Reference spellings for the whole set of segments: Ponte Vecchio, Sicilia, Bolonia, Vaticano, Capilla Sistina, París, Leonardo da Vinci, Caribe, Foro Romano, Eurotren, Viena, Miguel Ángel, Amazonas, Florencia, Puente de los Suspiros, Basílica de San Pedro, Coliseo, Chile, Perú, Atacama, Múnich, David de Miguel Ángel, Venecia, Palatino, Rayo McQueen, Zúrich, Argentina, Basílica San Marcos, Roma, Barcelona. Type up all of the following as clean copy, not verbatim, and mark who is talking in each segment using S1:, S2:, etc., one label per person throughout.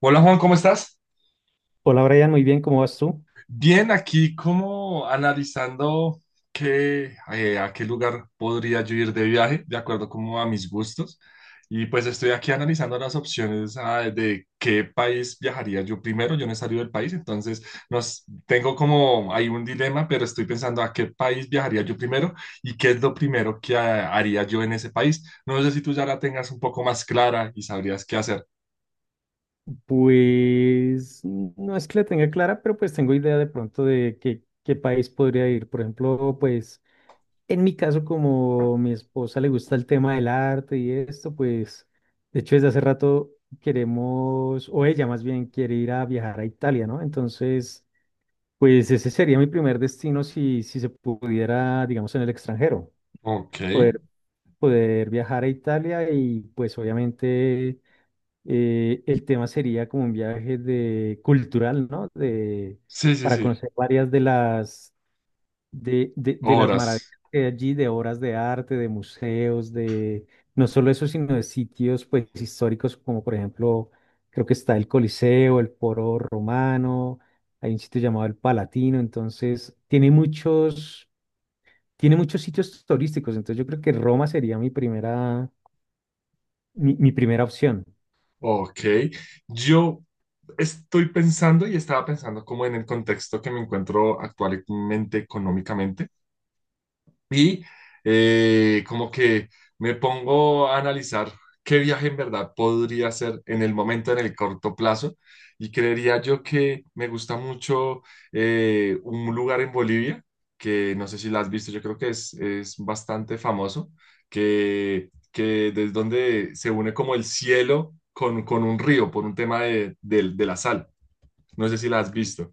S1: Hola Juan, ¿cómo estás?
S2: Hola Brian, muy bien, ¿cómo vas tú?
S1: Bien, aquí como analizando a qué lugar podría yo ir de viaje, de acuerdo como a mis gustos. Y pues estoy aquí analizando las opciones de qué país viajaría yo primero. Yo no he salido del país, entonces tengo como hay un dilema, pero estoy pensando a qué país viajaría yo primero y qué es lo primero que haría yo en ese país. No sé si tú ya la tengas un poco más clara y sabrías qué hacer.
S2: Pues no es que la tenga clara, pero pues tengo idea de pronto de qué país podría ir. Por ejemplo, pues en mi caso, como mi esposa le gusta el tema del arte y esto, pues de hecho desde hace rato queremos, o ella más bien quiere ir a viajar a Italia, ¿no? Entonces, pues ese sería mi primer destino si se pudiera, digamos, en el extranjero,
S1: Ok,
S2: poder, poder viajar a Italia y pues obviamente el tema sería como un viaje de cultural, ¿no? De,
S1: sí, sí,
S2: para
S1: sí,
S2: conocer varias de las, de las maravillas
S1: obras.
S2: que hay allí, de obras de arte, de museos, de no solo eso, sino de sitios pues históricos como por ejemplo, creo que está el Coliseo, el Foro Romano, hay un sitio llamado el Palatino, entonces tiene muchos sitios turísticos, entonces yo creo que Roma sería mi primera mi primera opción.
S1: Ok, yo estoy pensando y estaba pensando como en el contexto que me encuentro actualmente económicamente. Y como que me pongo a analizar qué viaje en verdad podría hacer en el momento, en el corto plazo. Y creería yo que me gusta mucho un lugar en Bolivia, que no sé si la has visto, yo creo que es bastante famoso, que desde donde se une como el cielo con un río por un tema de la sal. No sé si la has visto.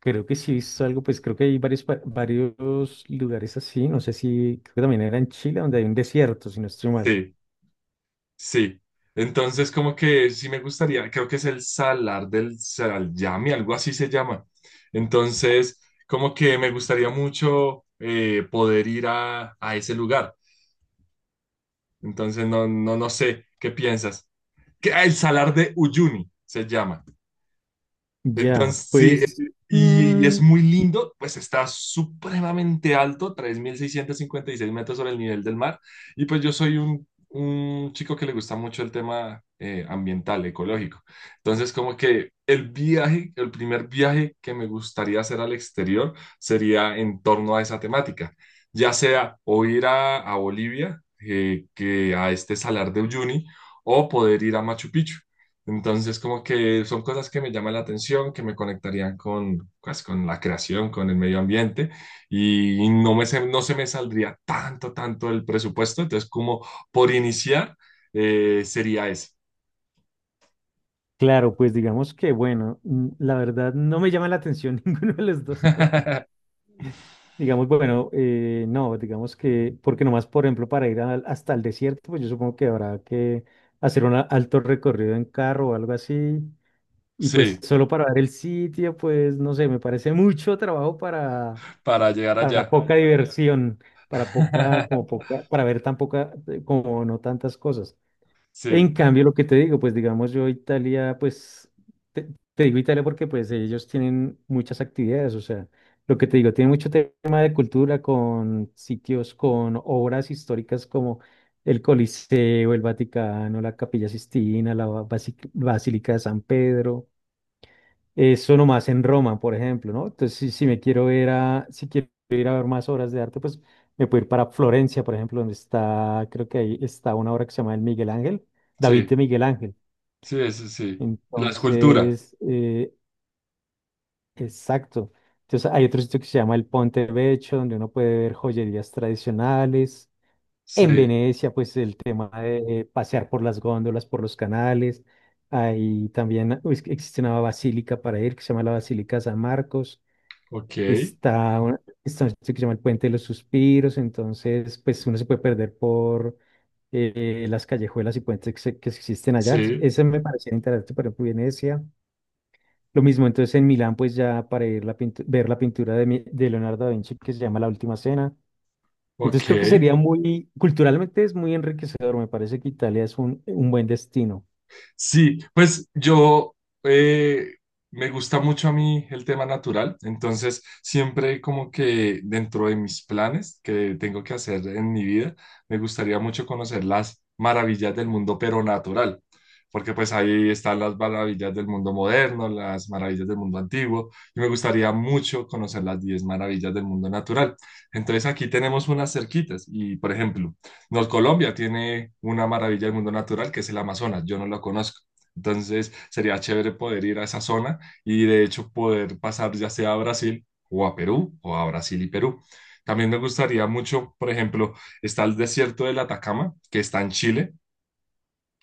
S2: Creo que sí es algo, pues creo que hay varios, varios lugares así. No sé si, creo que también era en Chile, donde hay un desierto, si no estoy mal.
S1: Sí. Sí, entonces como que sí me gustaría, creo que es el salar del Salyami, algo así se llama. Entonces, como que me gustaría mucho poder ir a ese lugar. Entonces, no, no, no sé, ¿qué piensas? Que el salar de Uyuni se llama.
S2: Ya,
S1: Entonces, sí,
S2: pues,
S1: y, es
S2: mm,
S1: muy lindo, pues está supremamente alto, 3.656 metros sobre el nivel del mar. Y pues yo soy un chico que le gusta mucho el tema ambiental, ecológico. Entonces, como que el viaje, el primer viaje que me gustaría hacer al exterior sería en torno a esa temática, ya sea o ir a Bolivia, que a este Salar de Uyuni, o poder ir a Machu Picchu. Entonces, como que son cosas que me llaman la atención, que me conectarían con, pues, con la creación, con el medio ambiente, y no se me saldría tanto, tanto el presupuesto. Entonces, como por iniciar, sería eso.
S2: claro, pues digamos que, bueno, la verdad no me llama la atención ninguno de los dos. Digamos, bueno, no, digamos que, porque nomás, por ejemplo, para ir hasta el desierto, pues yo supongo que habrá que hacer un alto recorrido en carro o algo así. Y pues
S1: Sí,
S2: solo para ver el sitio, pues no sé, me parece mucho trabajo
S1: para llegar
S2: para
S1: allá.
S2: poca diversión, para poca, como poca, para ver tan poca, como no tantas cosas. En
S1: Sí,
S2: cambio, lo que te digo, pues digamos yo Italia, pues te, te digo Italia porque pues ellos tienen muchas actividades, o sea, lo que te digo, tiene mucho tema de cultura con sitios, con obras históricas como el Coliseo, el Vaticano, la Capilla Sistina, la Basílica de San Pedro. Eso nomás en Roma, por ejemplo, ¿no? Entonces, si, si me quiero ir a, si quiero ir a ver más obras de arte, pues me puedo ir para Florencia, por ejemplo, donde está, creo que ahí está una obra que se llama El Miguel Ángel, David
S1: sí,
S2: de Miguel Ángel.
S1: sí, eso sí. La escultura.
S2: Entonces, exacto. Entonces, hay otro sitio que se llama el Ponte Vecchio, donde uno puede ver joyerías tradicionales. En
S1: Sí,
S2: Venecia, pues el tema de pasear por las góndolas, por los canales. Ahí también pues, existe una basílica para ir que se llama la Basílica San Marcos.
S1: ok,
S2: Está una, está un sitio que se llama el Puente de los Suspiros, entonces pues uno se puede perder por las callejuelas y puentes que, que existen allá. Entonces,
S1: sí,
S2: ese me parecía interesante, por ejemplo, Venecia. Lo mismo, entonces en Milán, pues ya para ir la ver la pintura de, de Leonardo da Vinci que se llama La Última Cena. Entonces creo que
S1: ok.
S2: sería muy, culturalmente es muy enriquecedor, me parece que Italia es un buen destino.
S1: Sí, pues yo eh, me gusta mucho a mí el tema natural, entonces siempre como que dentro de mis planes que tengo que hacer en mi vida, me gustaría mucho conocer las maravillas del mundo, pero natural, porque pues ahí están las maravillas del mundo moderno, las maravillas del mundo antiguo, y me gustaría mucho conocer las 10 maravillas del mundo natural. Entonces aquí tenemos unas cerquitas y, por ejemplo, nos Colombia tiene una maravilla del mundo natural que es el Amazonas, yo no lo conozco. Entonces sería chévere poder ir a esa zona y de hecho poder pasar ya sea a Brasil o a Perú o a Brasil y Perú. También me gustaría mucho, por ejemplo, está el desierto del Atacama, que está en Chile,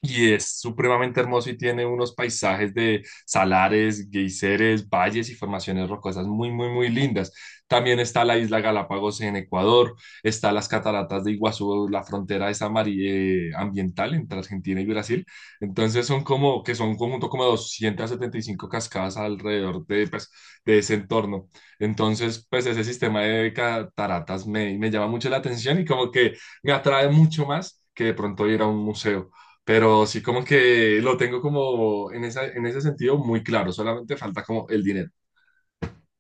S1: y es supremamente hermoso y tiene unos paisajes de salares, geyseres, valles y formaciones rocosas muy, muy, muy lindas. También está la isla Galápagos en Ecuador, está las cataratas de Iguazú, la frontera esa ambiental entre Argentina y Brasil. Entonces son como, que son un conjunto como de 275 cascadas alrededor de, pues, de ese entorno. Entonces, pues ese sistema de cataratas me llama mucho la atención y como que me atrae mucho más que de pronto ir a un museo. Pero sí como que lo tengo como en ese sentido muy claro, solamente falta como el dinero.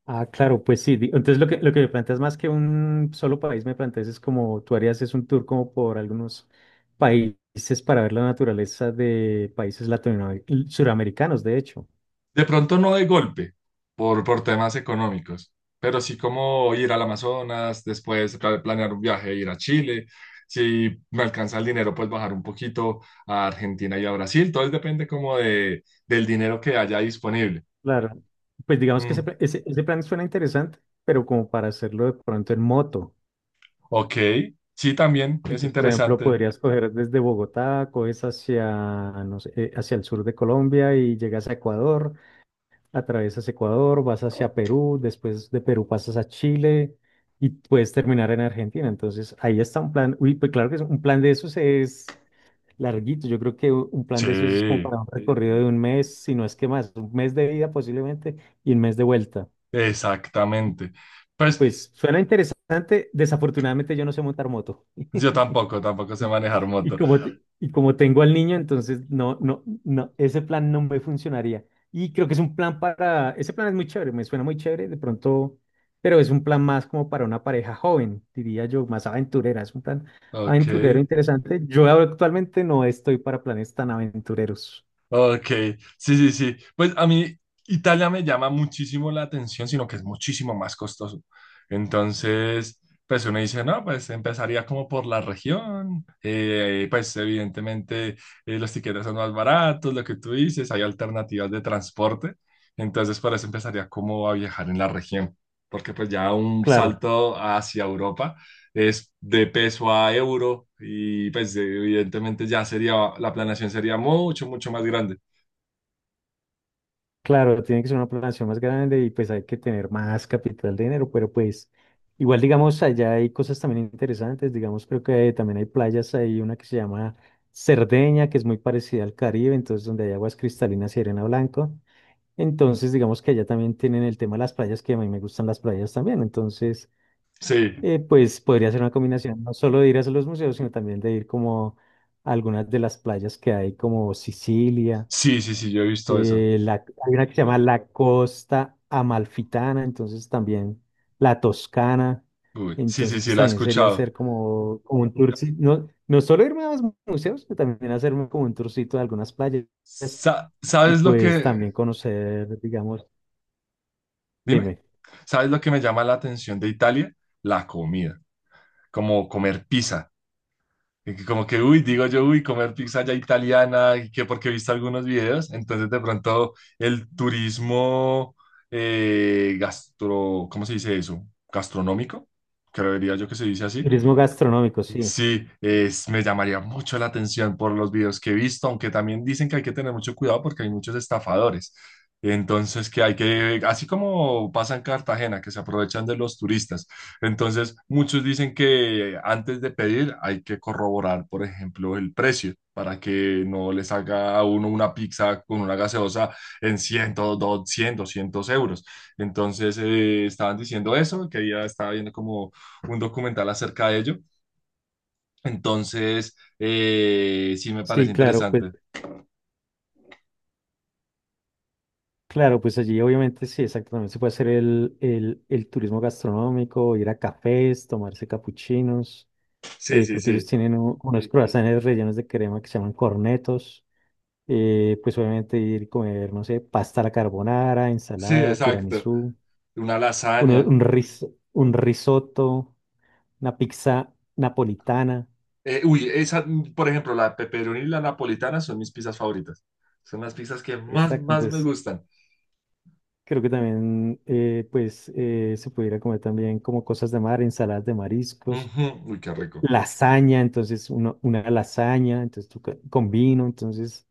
S2: Ah, claro, pues sí. Entonces lo que me planteas más que un solo país, me planteas es como tú harías es un tour como por algunos países para ver la naturaleza de países latinoamericanos, suramericanos, de hecho.
S1: De pronto no de golpe, por temas económicos, pero sí como ir al Amazonas, después planear un viaje, ir a Chile. Si me alcanza el dinero, pues bajar un poquito a Argentina y a Brasil. Todo depende como del dinero que haya disponible.
S2: Claro. Pues digamos que ese,
S1: Mm.
S2: ese, ese plan suena interesante, pero como para hacerlo de pronto en moto.
S1: Ok, sí, también es
S2: Entonces, por ejemplo,
S1: interesante.
S2: podrías coger desde Bogotá, coges hacia, no sé, hacia el sur de Colombia y llegas a Ecuador, atravesas Ecuador, vas hacia Perú, después de Perú pasas a Chile y puedes terminar en Argentina. Entonces, ahí está un plan. Uy, pues claro que un plan de esos es larguito. Yo creo que un plan de esos es como
S1: Sí,
S2: para un sí, recorrido de un mes, si no es que más, un mes de ida posiblemente y un mes de vuelta.
S1: exactamente. Pues
S2: Pues suena interesante. Desafortunadamente yo no sé montar moto.
S1: yo tampoco, tampoco sé manejar
S2: Y no,
S1: moto.
S2: pues como, no, y como tengo al niño, entonces no, ese plan no me funcionaría. Y creo que es un plan para, ese plan es muy chévere, me suena muy chévere de pronto, pero es un plan más como para una pareja joven, diría yo, más aventurera, es un plan
S1: Ok,
S2: aventurero interesante. Yo actualmente no estoy para planes tan aventureros,
S1: ok, sí, sí, sí. Pues a mí Italia me llama muchísimo la atención, sino que es muchísimo más costoso. Entonces, pues uno dice, no, pues empezaría como por la región. Pues evidentemente los tiquetes son más baratos, lo que tú dices, hay alternativas de transporte. Entonces, por eso empezaría como a viajar en la región, porque pues ya un
S2: claro.
S1: salto hacia Europa es de peso a euro y pues evidentemente ya sería, la planeación sería mucho, mucho más grande.
S2: Claro, tiene que ser una población más grande y pues hay que tener más capital de dinero, pero pues igual digamos allá hay cosas también interesantes, digamos creo que también hay playas, hay una que se llama Cerdeña, que es muy parecida al Caribe, entonces donde hay aguas cristalinas y arena blanco, entonces digamos que allá también tienen el tema de las playas, que a mí me gustan las playas también, entonces
S1: Sí,
S2: pues podría ser una combinación no solo de ir a los museos, sino también de ir como a algunas de las playas que hay como Sicilia.
S1: sí, sí, sí, yo he visto eso.
S2: La, hay una que se llama la Costa Amalfitana, entonces también la Toscana,
S1: Uy, sí, sí,
S2: entonces
S1: sí, la he
S2: también sería
S1: escuchado.
S2: hacer como, como un tourcito, no, no solo irme a los museos, sino también hacerme como un tourcito de algunas playas y
S1: ¿Sabes lo
S2: pues
S1: que,
S2: también conocer, digamos,
S1: dime?
S2: dime,
S1: ¿Sabes lo que me llama la atención de Italia? La comida, como comer pizza. Y que Como que, uy, digo yo, uy, comer pizza ya italiana, y que porque he visto algunos videos, entonces de pronto el turismo gastro, ¿cómo se dice eso? Gastronómico, creería yo que se dice así,
S2: turismo gastronómico, sí,
S1: sí, me llamaría mucho la atención por los videos que he visto, aunque también dicen que hay que tener mucho cuidado porque hay muchos estafadores. Entonces, que hay que, así como pasa en Cartagena, que se aprovechan de los turistas. Entonces, muchos dicen que antes de pedir hay que corroborar, por ejemplo, el precio para que no les haga a uno una pizza con una gaseosa en 100, 200, 200 euros. Entonces, estaban diciendo eso, que ya estaba viendo como un documental acerca de ello entonces, sí me parece
S2: sí, claro, pues
S1: interesante.
S2: claro, pues allí obviamente sí, exacto, también se puede hacer el turismo gastronómico, ir a cafés, tomarse capuchinos.
S1: Sí, sí,
S2: Creo que ellos
S1: sí.
S2: tienen unos croissants rellenos de crema que se llaman cornetos. Pues obviamente ir y comer, no sé, pasta a la carbonara,
S1: Sí,
S2: ensalada,
S1: exacto.
S2: tiramisú,
S1: Una
S2: uno-
S1: lasaña.
S2: un, ris- un risotto, una pizza napolitana.
S1: Uy, esa, por ejemplo, la pepperoni y la napolitana son mis pizzas favoritas. Son las pizzas que más,
S2: Exacto,
S1: más me
S2: entonces
S1: gustan.
S2: creo que también pues se pudiera comer también como cosas de mar, ensaladas de mariscos,
S1: Ujú, uy, qué rico.
S2: lasaña, entonces una lasaña, entonces tú con vino, entonces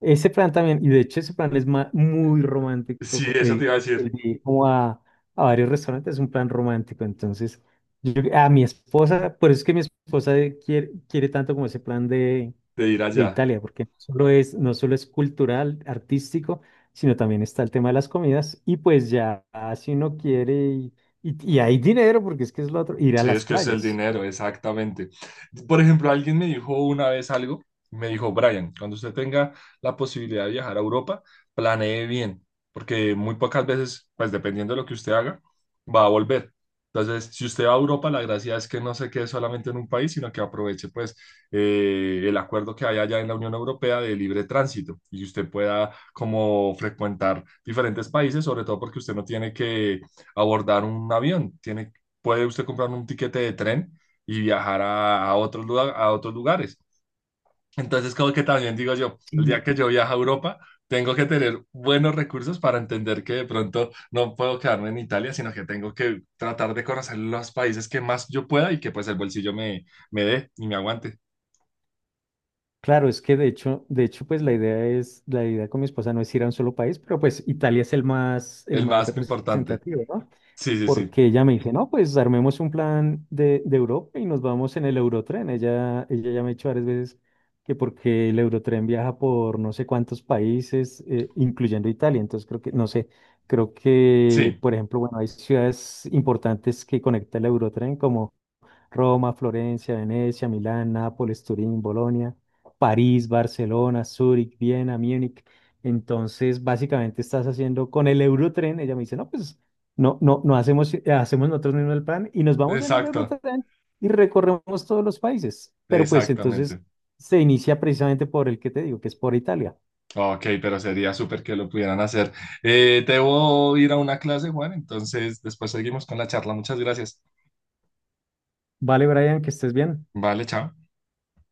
S2: ese plan también, y de hecho ese plan es muy romántico,
S1: Sí, eso te iba a
S2: el
S1: decir,
S2: de ir como a varios restaurantes es un plan romántico, entonces yo, a mi esposa, por eso es que mi esposa quiere, quiere tanto como ese plan
S1: de ir
S2: de
S1: allá.
S2: Italia, porque no solo es, no solo es cultural, artístico, sino también está el tema de las comidas, y pues ya si uno quiere, y hay dinero, porque es que es lo otro, ir a
S1: Sí,
S2: las
S1: es que es el
S2: playas.
S1: dinero, exactamente. Por ejemplo, alguien me dijo una vez algo, me dijo, Brian, cuando usted tenga la posibilidad de viajar a Europa, planee bien, porque muy pocas veces, pues dependiendo de lo que usted haga, va a volver. Entonces, si usted va a Europa, la gracia es que no se quede solamente en un país, sino que aproveche pues el acuerdo que hay allá en la Unión Europea de libre tránsito y que usted pueda como frecuentar diferentes países, sobre todo porque usted no tiene que abordar un avión, tiene puede usted comprar un tiquete de tren y viajar a otros lugares. Entonces, como que también digo yo, el día que yo viaje a Europa, tengo que tener buenos recursos para entender que de pronto no puedo quedarme en Italia, sino que tengo que tratar de conocer los países que más yo pueda y que pues el bolsillo me dé y me aguante.
S2: Claro, es que de hecho, pues la idea es, la idea con mi esposa no es ir a un solo país, pero pues Italia es el
S1: El
S2: más
S1: más importante.
S2: representativo, ¿no?
S1: Sí, sí, sí.
S2: Porque ella me dice, no, pues armemos un plan de Europa y nos vamos en el Eurotren. Ella ya me ha dicho varias veces que porque el Eurotren viaja por no sé cuántos países, incluyendo Italia. Entonces creo que, no sé, creo
S1: Sí,
S2: que, por ejemplo, bueno, hay ciudades importantes que conecta el Eurotren, como Roma, Florencia, Venecia, Milán, Nápoles, Turín, Bolonia, París, Barcelona, Zúrich, Viena, Múnich. Entonces, básicamente estás haciendo con el Eurotren. Ella me dice, no, pues no, hacemos, hacemos nosotros mismos el plan y nos vamos en el
S1: exacto.
S2: Eurotren y recorremos todos los países. Pero pues entonces
S1: Exactamente.
S2: se inicia precisamente por el que te digo, que es por Italia.
S1: Ok, pero sería súper que lo pudieran hacer. Debo ir a una clase, Juan, entonces después seguimos con la charla. Muchas gracias.
S2: Vale, Brian, que estés bien.
S1: Vale, chao.